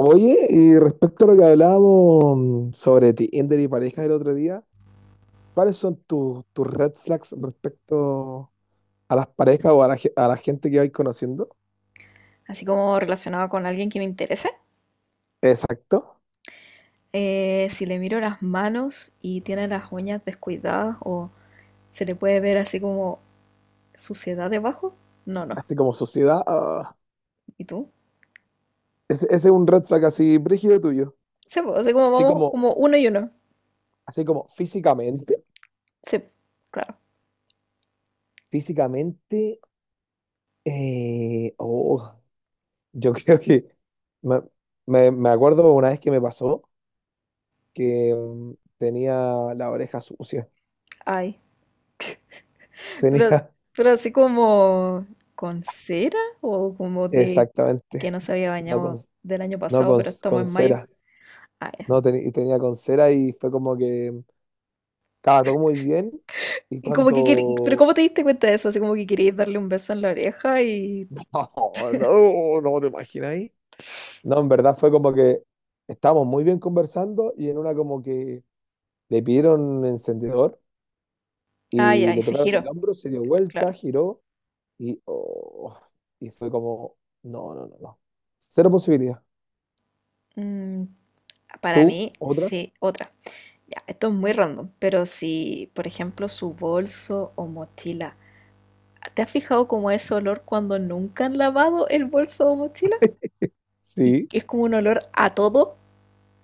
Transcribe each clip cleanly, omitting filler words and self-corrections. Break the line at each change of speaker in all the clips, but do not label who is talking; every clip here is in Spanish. Oye, y respecto a lo que hablábamos sobre Tinder y parejas el otro día, ¿cuáles son tus red flags respecto a las parejas o a a la gente que vais conociendo?
Así como relacionado con alguien que me interese,
Exacto.
si le miro las manos y tiene las uñas descuidadas o se le puede ver así como suciedad debajo, no, no.
Así como sociedad.
¿Y tú?
Ese, ese es un red flag así brígido tuyo.
Sí, pues, así como
Así
vamos
como,
como uno y uno.
así como físicamente.
Sí, claro.
Físicamente, eh, oh, yo creo que me, me acuerdo una vez que me pasó que tenía la oreja sucia.
Ay, pero,
Tenía,
pero así como con cera o como de que
exactamente.
no se había
No, con-
bañado del año
No,
pasado, pero estamos
con
en mayo.
cera.
Ah, ya.
No, tenía con cera y fue como que estaba todo muy bien. Y
Y como que quer- pero
cuando...
¿cómo te diste cuenta de eso? Así como que querías darle un beso en la oreja y...
Oh, no, no te imagináis. No, en verdad fue como que estábamos muy bien conversando y en una como que le pidieron un encendedor
Ay,
y
ay,
le
se
tocaron el
giró.
hombro, se dio vuelta,
Claro.
giró y, y fue como, no, no, no, no. Cero posibilidad.
Mm, para
¿Tú?
mí,
¿Otra?
sí, otra. Ya, esto es muy random, pero si, por ejemplo, su bolso o mochila, ¿te has fijado como ese olor cuando nunca han lavado el bolso o mochila? Y
Sí,
que es como un olor a todo.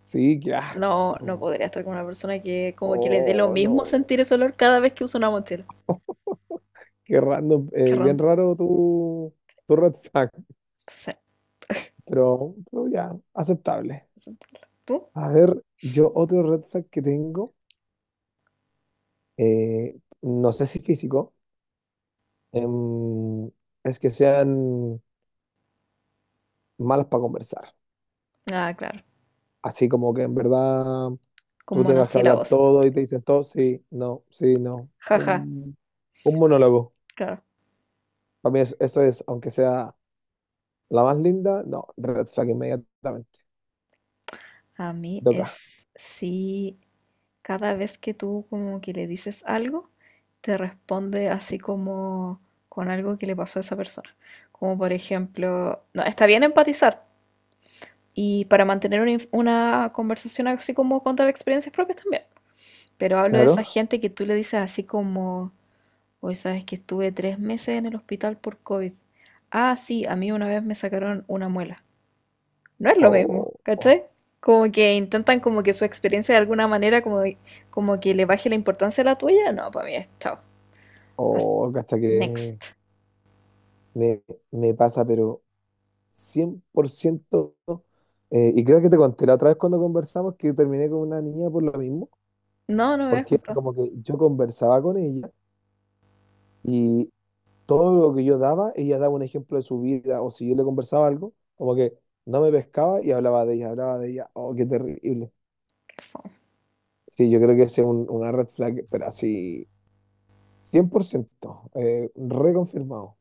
sí, qué
No, no
asco.
podría estar con una persona que como que le dé lo
Oh,
mismo
no.
sentir ese olor cada vez que usa una mochila.
Qué random,
Qué
bien
random.
raro tu red flag,
Sí.
pero ya, aceptable.
¿Tú?
A ver, yo otro red flag que tengo, eh, no sé si físico, em, es que sean malas para conversar.
Ah, claro.
Así como que en verdad
Con
tú tengas que hablar
monosílabos.
todo y te dicen todo, sí, no, sí, no.
Jaja,
Un monólogo.
claro.
Para mí eso es, aunque sea la más linda, no, red flag inmediatamente.
A mí
Toca.
es sí. Cada vez que tú como que le dices algo, te responde así como con algo que le pasó a esa persona. Como por ejemplo, no, está bien empatizar y para mantener una conversación así como contar experiencias propias también. Pero hablo de esa
Claro.
gente que tú le dices así como, hoy sabes que estuve 3 meses en el hospital por COVID. Ah, sí, a mí una vez me sacaron una muela no es lo mismo, ¿cachai?
O
Como que intentan como que su experiencia de alguna manera como que le baje la importancia a la tuya. No, para mí es chao. As-
hasta que
Next.
me, me pasa, pero 100%. Y creo que te conté la otra vez cuando conversamos que terminé con una niña por lo mismo,
No, no me habías
porque era
contado.
como que yo conversaba con ella y todo lo que yo daba, ella daba un ejemplo de su vida, o si yo le conversaba algo, como que no me pescaba y hablaba de ella, hablaba de ella. Oh, qué terrible.
Qué fome.
Sí, yo creo que ese es una red flag, pero así 100%, reconfirmado.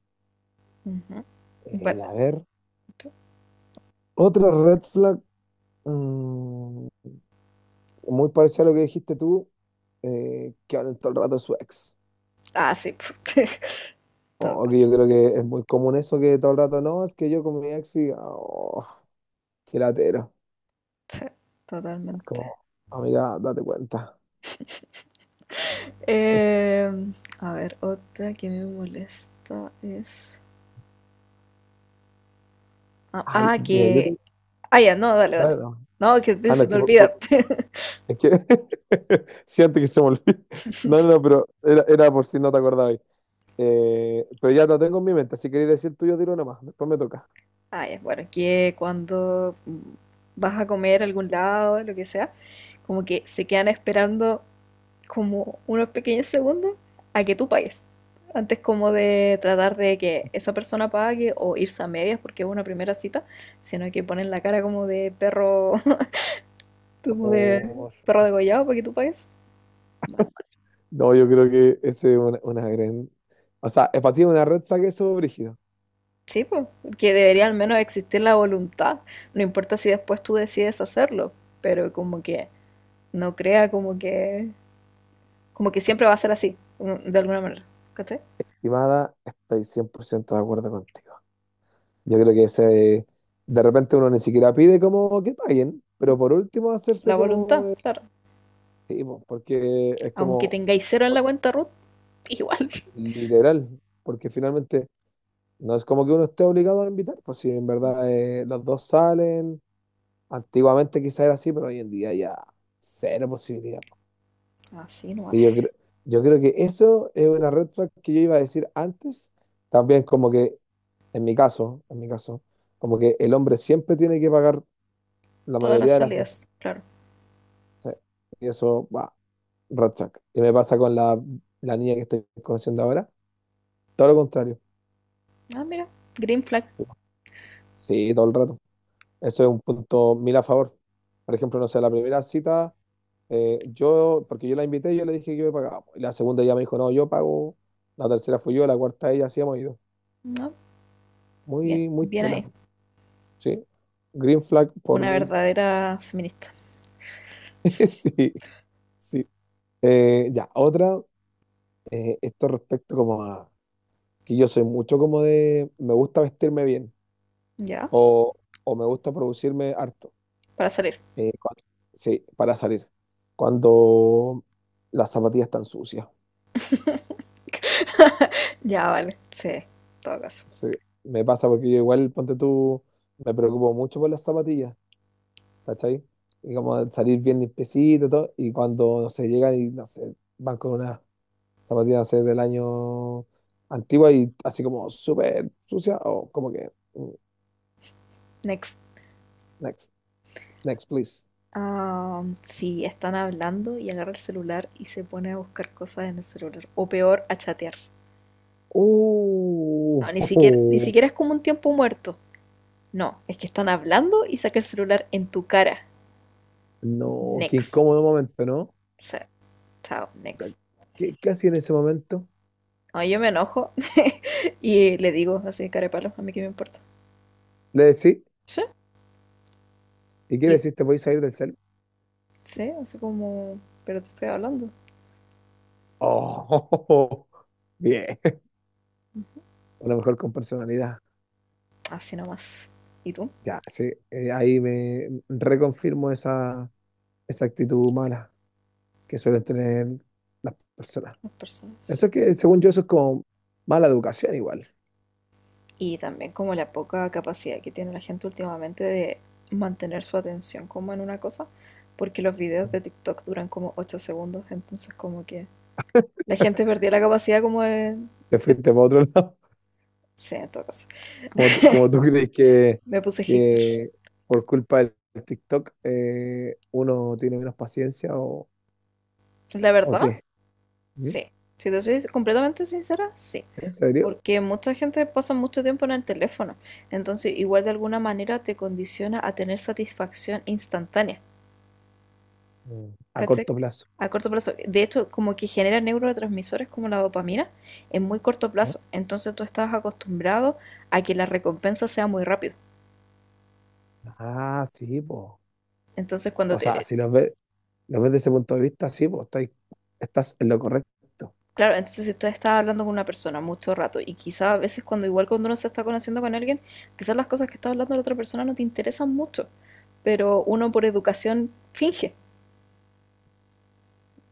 Ujú. Bueno,
Y a ver,
tú-
otra red flag. mm, Muy parecido a lo que dijiste tú, que hablan todo el rato de su ex.
ah, sí. Todo
O que
caso.
yo creo que es muy común eso que todo el rato no, es que yo con mi ex y qué latero.
Sí,
Es
totalmente.
como, amiga, date cuenta.
Em, a ver, otra que me molesta es... Ah,
Ay,
ah,
mira, yo
que...
tengo.
Ah, ya, no, dale,
Dale,
dale.
no.
No, que
Ah, no,
se
es
te
que,
olvida.
es que siento que se me olvidó. No, no, no, pero era por si no te acordabas. Pero ya lo tengo en mi mente. Si queréis decir tuyo, tiro nomás. Después me toca.
Ah, ya, bueno, que cuando vas a comer a algún lado, lo que sea, como que se quedan esperando como unos pequeños segundos a que tú pagues. Antes como de tratar de que esa persona pague o irse a medias porque es una primera cita, sino que ponen la cara como de perro, como de
Oh,
perro degollado para que tú pagues. Mal, mal.
no, yo creo que ese es una gran. O sea, es para ti una red flag eso, brígido.
Sí, pues, que debería al menos existir la voluntad, no importa si después tú decides hacerlo, pero como que no crea como que como que siempre va a ser así, ¿no? De alguna manera. ¿Cachai?
Estimada, estoy 100% de acuerdo contigo. Yo creo que de repente uno ni siquiera pide como que paguen, pero por último
La
hacerse como...
voluntad, claro.
sí, po, porque es
Aunque
como
tengáis cero en la cuenta root, igual.
literal, porque finalmente no es como que uno esté obligado a invitar, pues si en verdad los dos salen, antiguamente quizás era así, pero hoy en día ya cero posibilidad. Po.
Así nomás.
Sí, yo creo que eso es una red flag que yo iba a decir antes, también como que en mi caso, en mi caso, como que el hombre siempre tiene que pagar la
Todas las
mayoría de las veces.
salidas, claro.
Sí. Y eso, va, red flag. Y me pasa con la niña que estoy conociendo ahora. Todo lo contrario.
Ah, mira. Green flag.
Sí, todo el rato. Eso es un punto mil a favor. Por ejemplo, no sé, la primera cita, yo, porque yo la invité, yo le dije que yo pagaba. Y la segunda ya me dijo, no, yo pago. La tercera fui yo, la cuarta ella, así hemos ido.
No,
Muy,
bien,
muy
bien
tela.
ahí.
Sí. Green flag por
Una
mil.
verdadera feminista.
Sí, sí. Ya, otra. Esto respecto como a que yo soy mucho como de me gusta vestirme bien
Ya,
o, o me gusta producirme harto
para salir.
eh, cuan- sí, para salir cuando las zapatillas están sucias.
Ya, vale. Sí, en todo caso.
Sí, me pasa porque yo igual, ponte tú, me preocupo mucho por las zapatillas, ¿cachai? Y como de salir bien limpiecito y todo, y cuando, no sé, llegan y, no sé, van con unas zapatillas, no sé, del año antigua y así como súper sucia o como que,
Next.
next, next, please.
Sí, están hablando y agarra el celular y se pone a buscar cosas en el celular. O peor, a chatear. No, ni siquiera, ni
Oh,
siquiera es como un tiempo muerto. No, es que están hablando y saca el celular en tu cara.
no, qué
Next.
incómodo momento, ¿no?
O sea, chao,
Puta,
next.
¿qué, qué hacía en ese momento?
No, yo me enojo y le digo así, cara de palo, a mí qué me importa.
¿Le decís?
Sí,
¿Y qué
y
le decís? ¿Te voy a salir del cel?
sí, así como, pero te estoy hablando.
Oh, bien. A lo mejor con personalidad.
Así nomás. ¿Y tú?
Ya, sí, ahí me reconfirmo esa, esa actitud mala que suelen tener las personas.
Las personas, sí.
Eso es que, según yo, eso es como mala educación igual.
Y también como la poca capacidad que tiene la gente últimamente de mantener su atención como en una cosa, porque los videos de TikTok duran como 8 segundos, entonces como que la gente perdió la capacidad como de...
Te fuiste para otro lado.
Sí, en todo caso.
Como tú crees
Me puse hater.
que por culpa del TikTok uno tiene menos paciencia
La
o
verdad,
qué? ¿Mm?
sí. Si te soy completamente sincera, sí.
¿En serio?
Porque mucha gente pasa mucho tiempo en el teléfono. Entonces, igual de alguna manera te condiciona a tener satisfacción instantánea.
Mm. A
¿Cachai?
corto plazo.
A corto plazo. De hecho, como que genera neurotransmisores como la dopamina en muy corto
¿Ah?
plazo. Entonces tú estás acostumbrado a que la recompensa sea muy rápido.
Ah, sí, po.
Entonces cuando
O sea,
te
si lo ves, lo ves desde ese punto de vista, sí, pues estás, estás en lo correcto.
claro, entonces si tú estás hablando con una persona mucho rato y quizás a veces cuando igual cuando uno se está conociendo con alguien, quizás las cosas que está hablando la otra persona no te interesan mucho, pero uno por educación finge,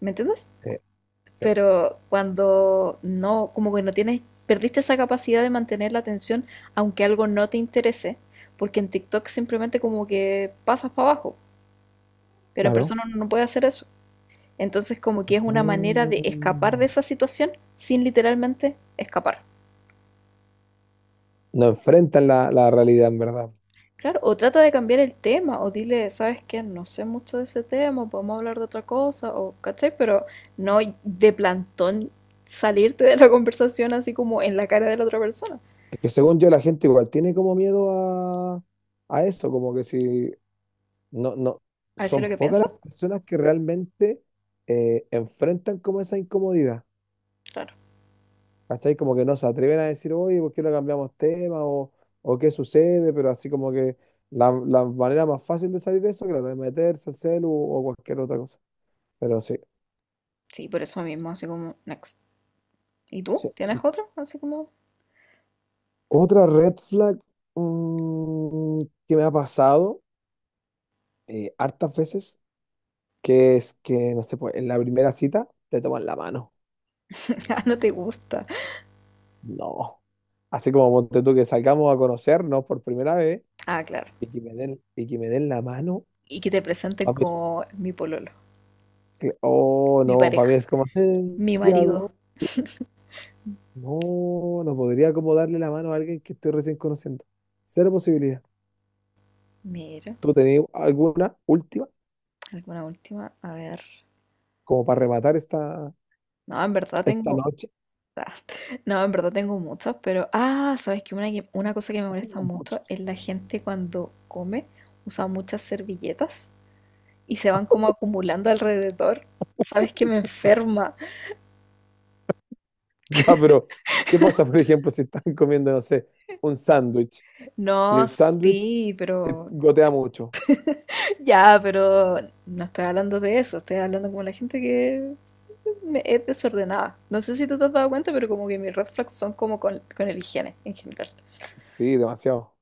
¿me entiendes?
Sí, sí,
Pero cuando no, como que no tienes, perdiste esa capacidad de mantener la atención aunque algo no te interese, porque en TikTok simplemente como que pasas para abajo, pero en
claro.
persona uno no puede hacer eso. Entonces como que es una manera de escapar de
Mm.
esa situación sin literalmente escapar.
No enfrentan la realidad, en verdad.
Claro, o trata de cambiar el tema, o dile, ¿sabes qué? No sé mucho de ese tema, podemos hablar de otra cosa, o, ¿cachai? Pero no de plantón salirte de la conversación así como en la cara de la otra persona.
Es que según yo, la gente igual tiene como miedo a eso, como que si no, no,
¿A decir lo
son
que
pocas
piensa?
las personas que realmente enfrentan como esa incomodidad,
Claro.
¿cachai? Como que no se atreven a decir, oye, ¿por qué no cambiamos tema? O qué sucede, pero así como que la manera más fácil de salir de eso, claro, es meterse al celu o cualquier otra cosa. Pero sí,
Sí, por eso mismo, así como, next. ¿Y tú?
sí, sí.
¿Tienes otro? Así como,
Otra red flag mm, que me ha pasado hartas veces, que es que, no sé, pues en la primera cita te toman la mano.
ah, no te gusta.
No. Así como ponte tú que salgamos a conocernos por primera vez
Ah, claro.
y que me den, y que me den la mano,
Y que te presenten
pa' mí es
como mi pololo,
oh
mi
no, para
pareja,
mí es como,
mi
¿qué hago?
marido.
No, no podría como darle la mano a alguien que estoy recién conociendo. Cero posibilidad.
Mira,
¿Tú tenías alguna última
alguna última, a ver.
como para rematar esta,
No, en verdad
esta
tengo
noche?
Ah, No, en verdad tengo muchas, pero sabes que una cosa que me molesta
Tengo
mucho
muchas.
es la gente cuando come usa muchas servilletas y se van como acumulando alrededor. Sabes que me enferma.
Ya, pero ¿qué pasa, por ejemplo, si están comiendo, no sé, un sándwich y
No,
el sándwich
sí, pero
gotea mucho?
ya, pero no estoy hablando de eso, estoy hablando como la gente que es desordenada. No sé si tú te has dado cuenta, pero como que mis red flags son como con, el higiene en general.
Sí, demasiado.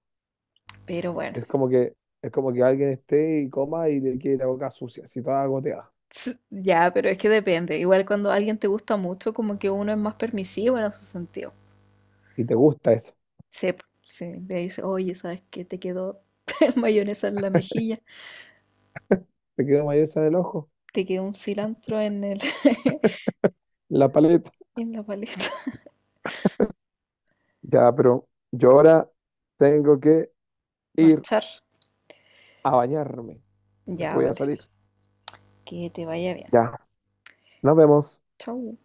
Pero bueno.
Es como que, es como que alguien esté y coma y le quede la boca sucia, así toda goteada.
Ya, pero es que depende. Igual cuando alguien te gusta mucho, como que uno es más permisivo en ese sentido.
Y te gusta eso.
Sí, po, sí, le dice, oye, ¿sabes qué? Te quedó mayonesa en la mejilla,
Te quedó mayonesa en el ojo,
te quedó un cilantro en el,
en la paleta.
en la paleta.
Ya, pero yo ahora tengo que ir
Marchar.
a bañarme, porque
Ya,
voy a
vale.
salir.
Que te vaya bien.
Ya, nos vemos.
Chau.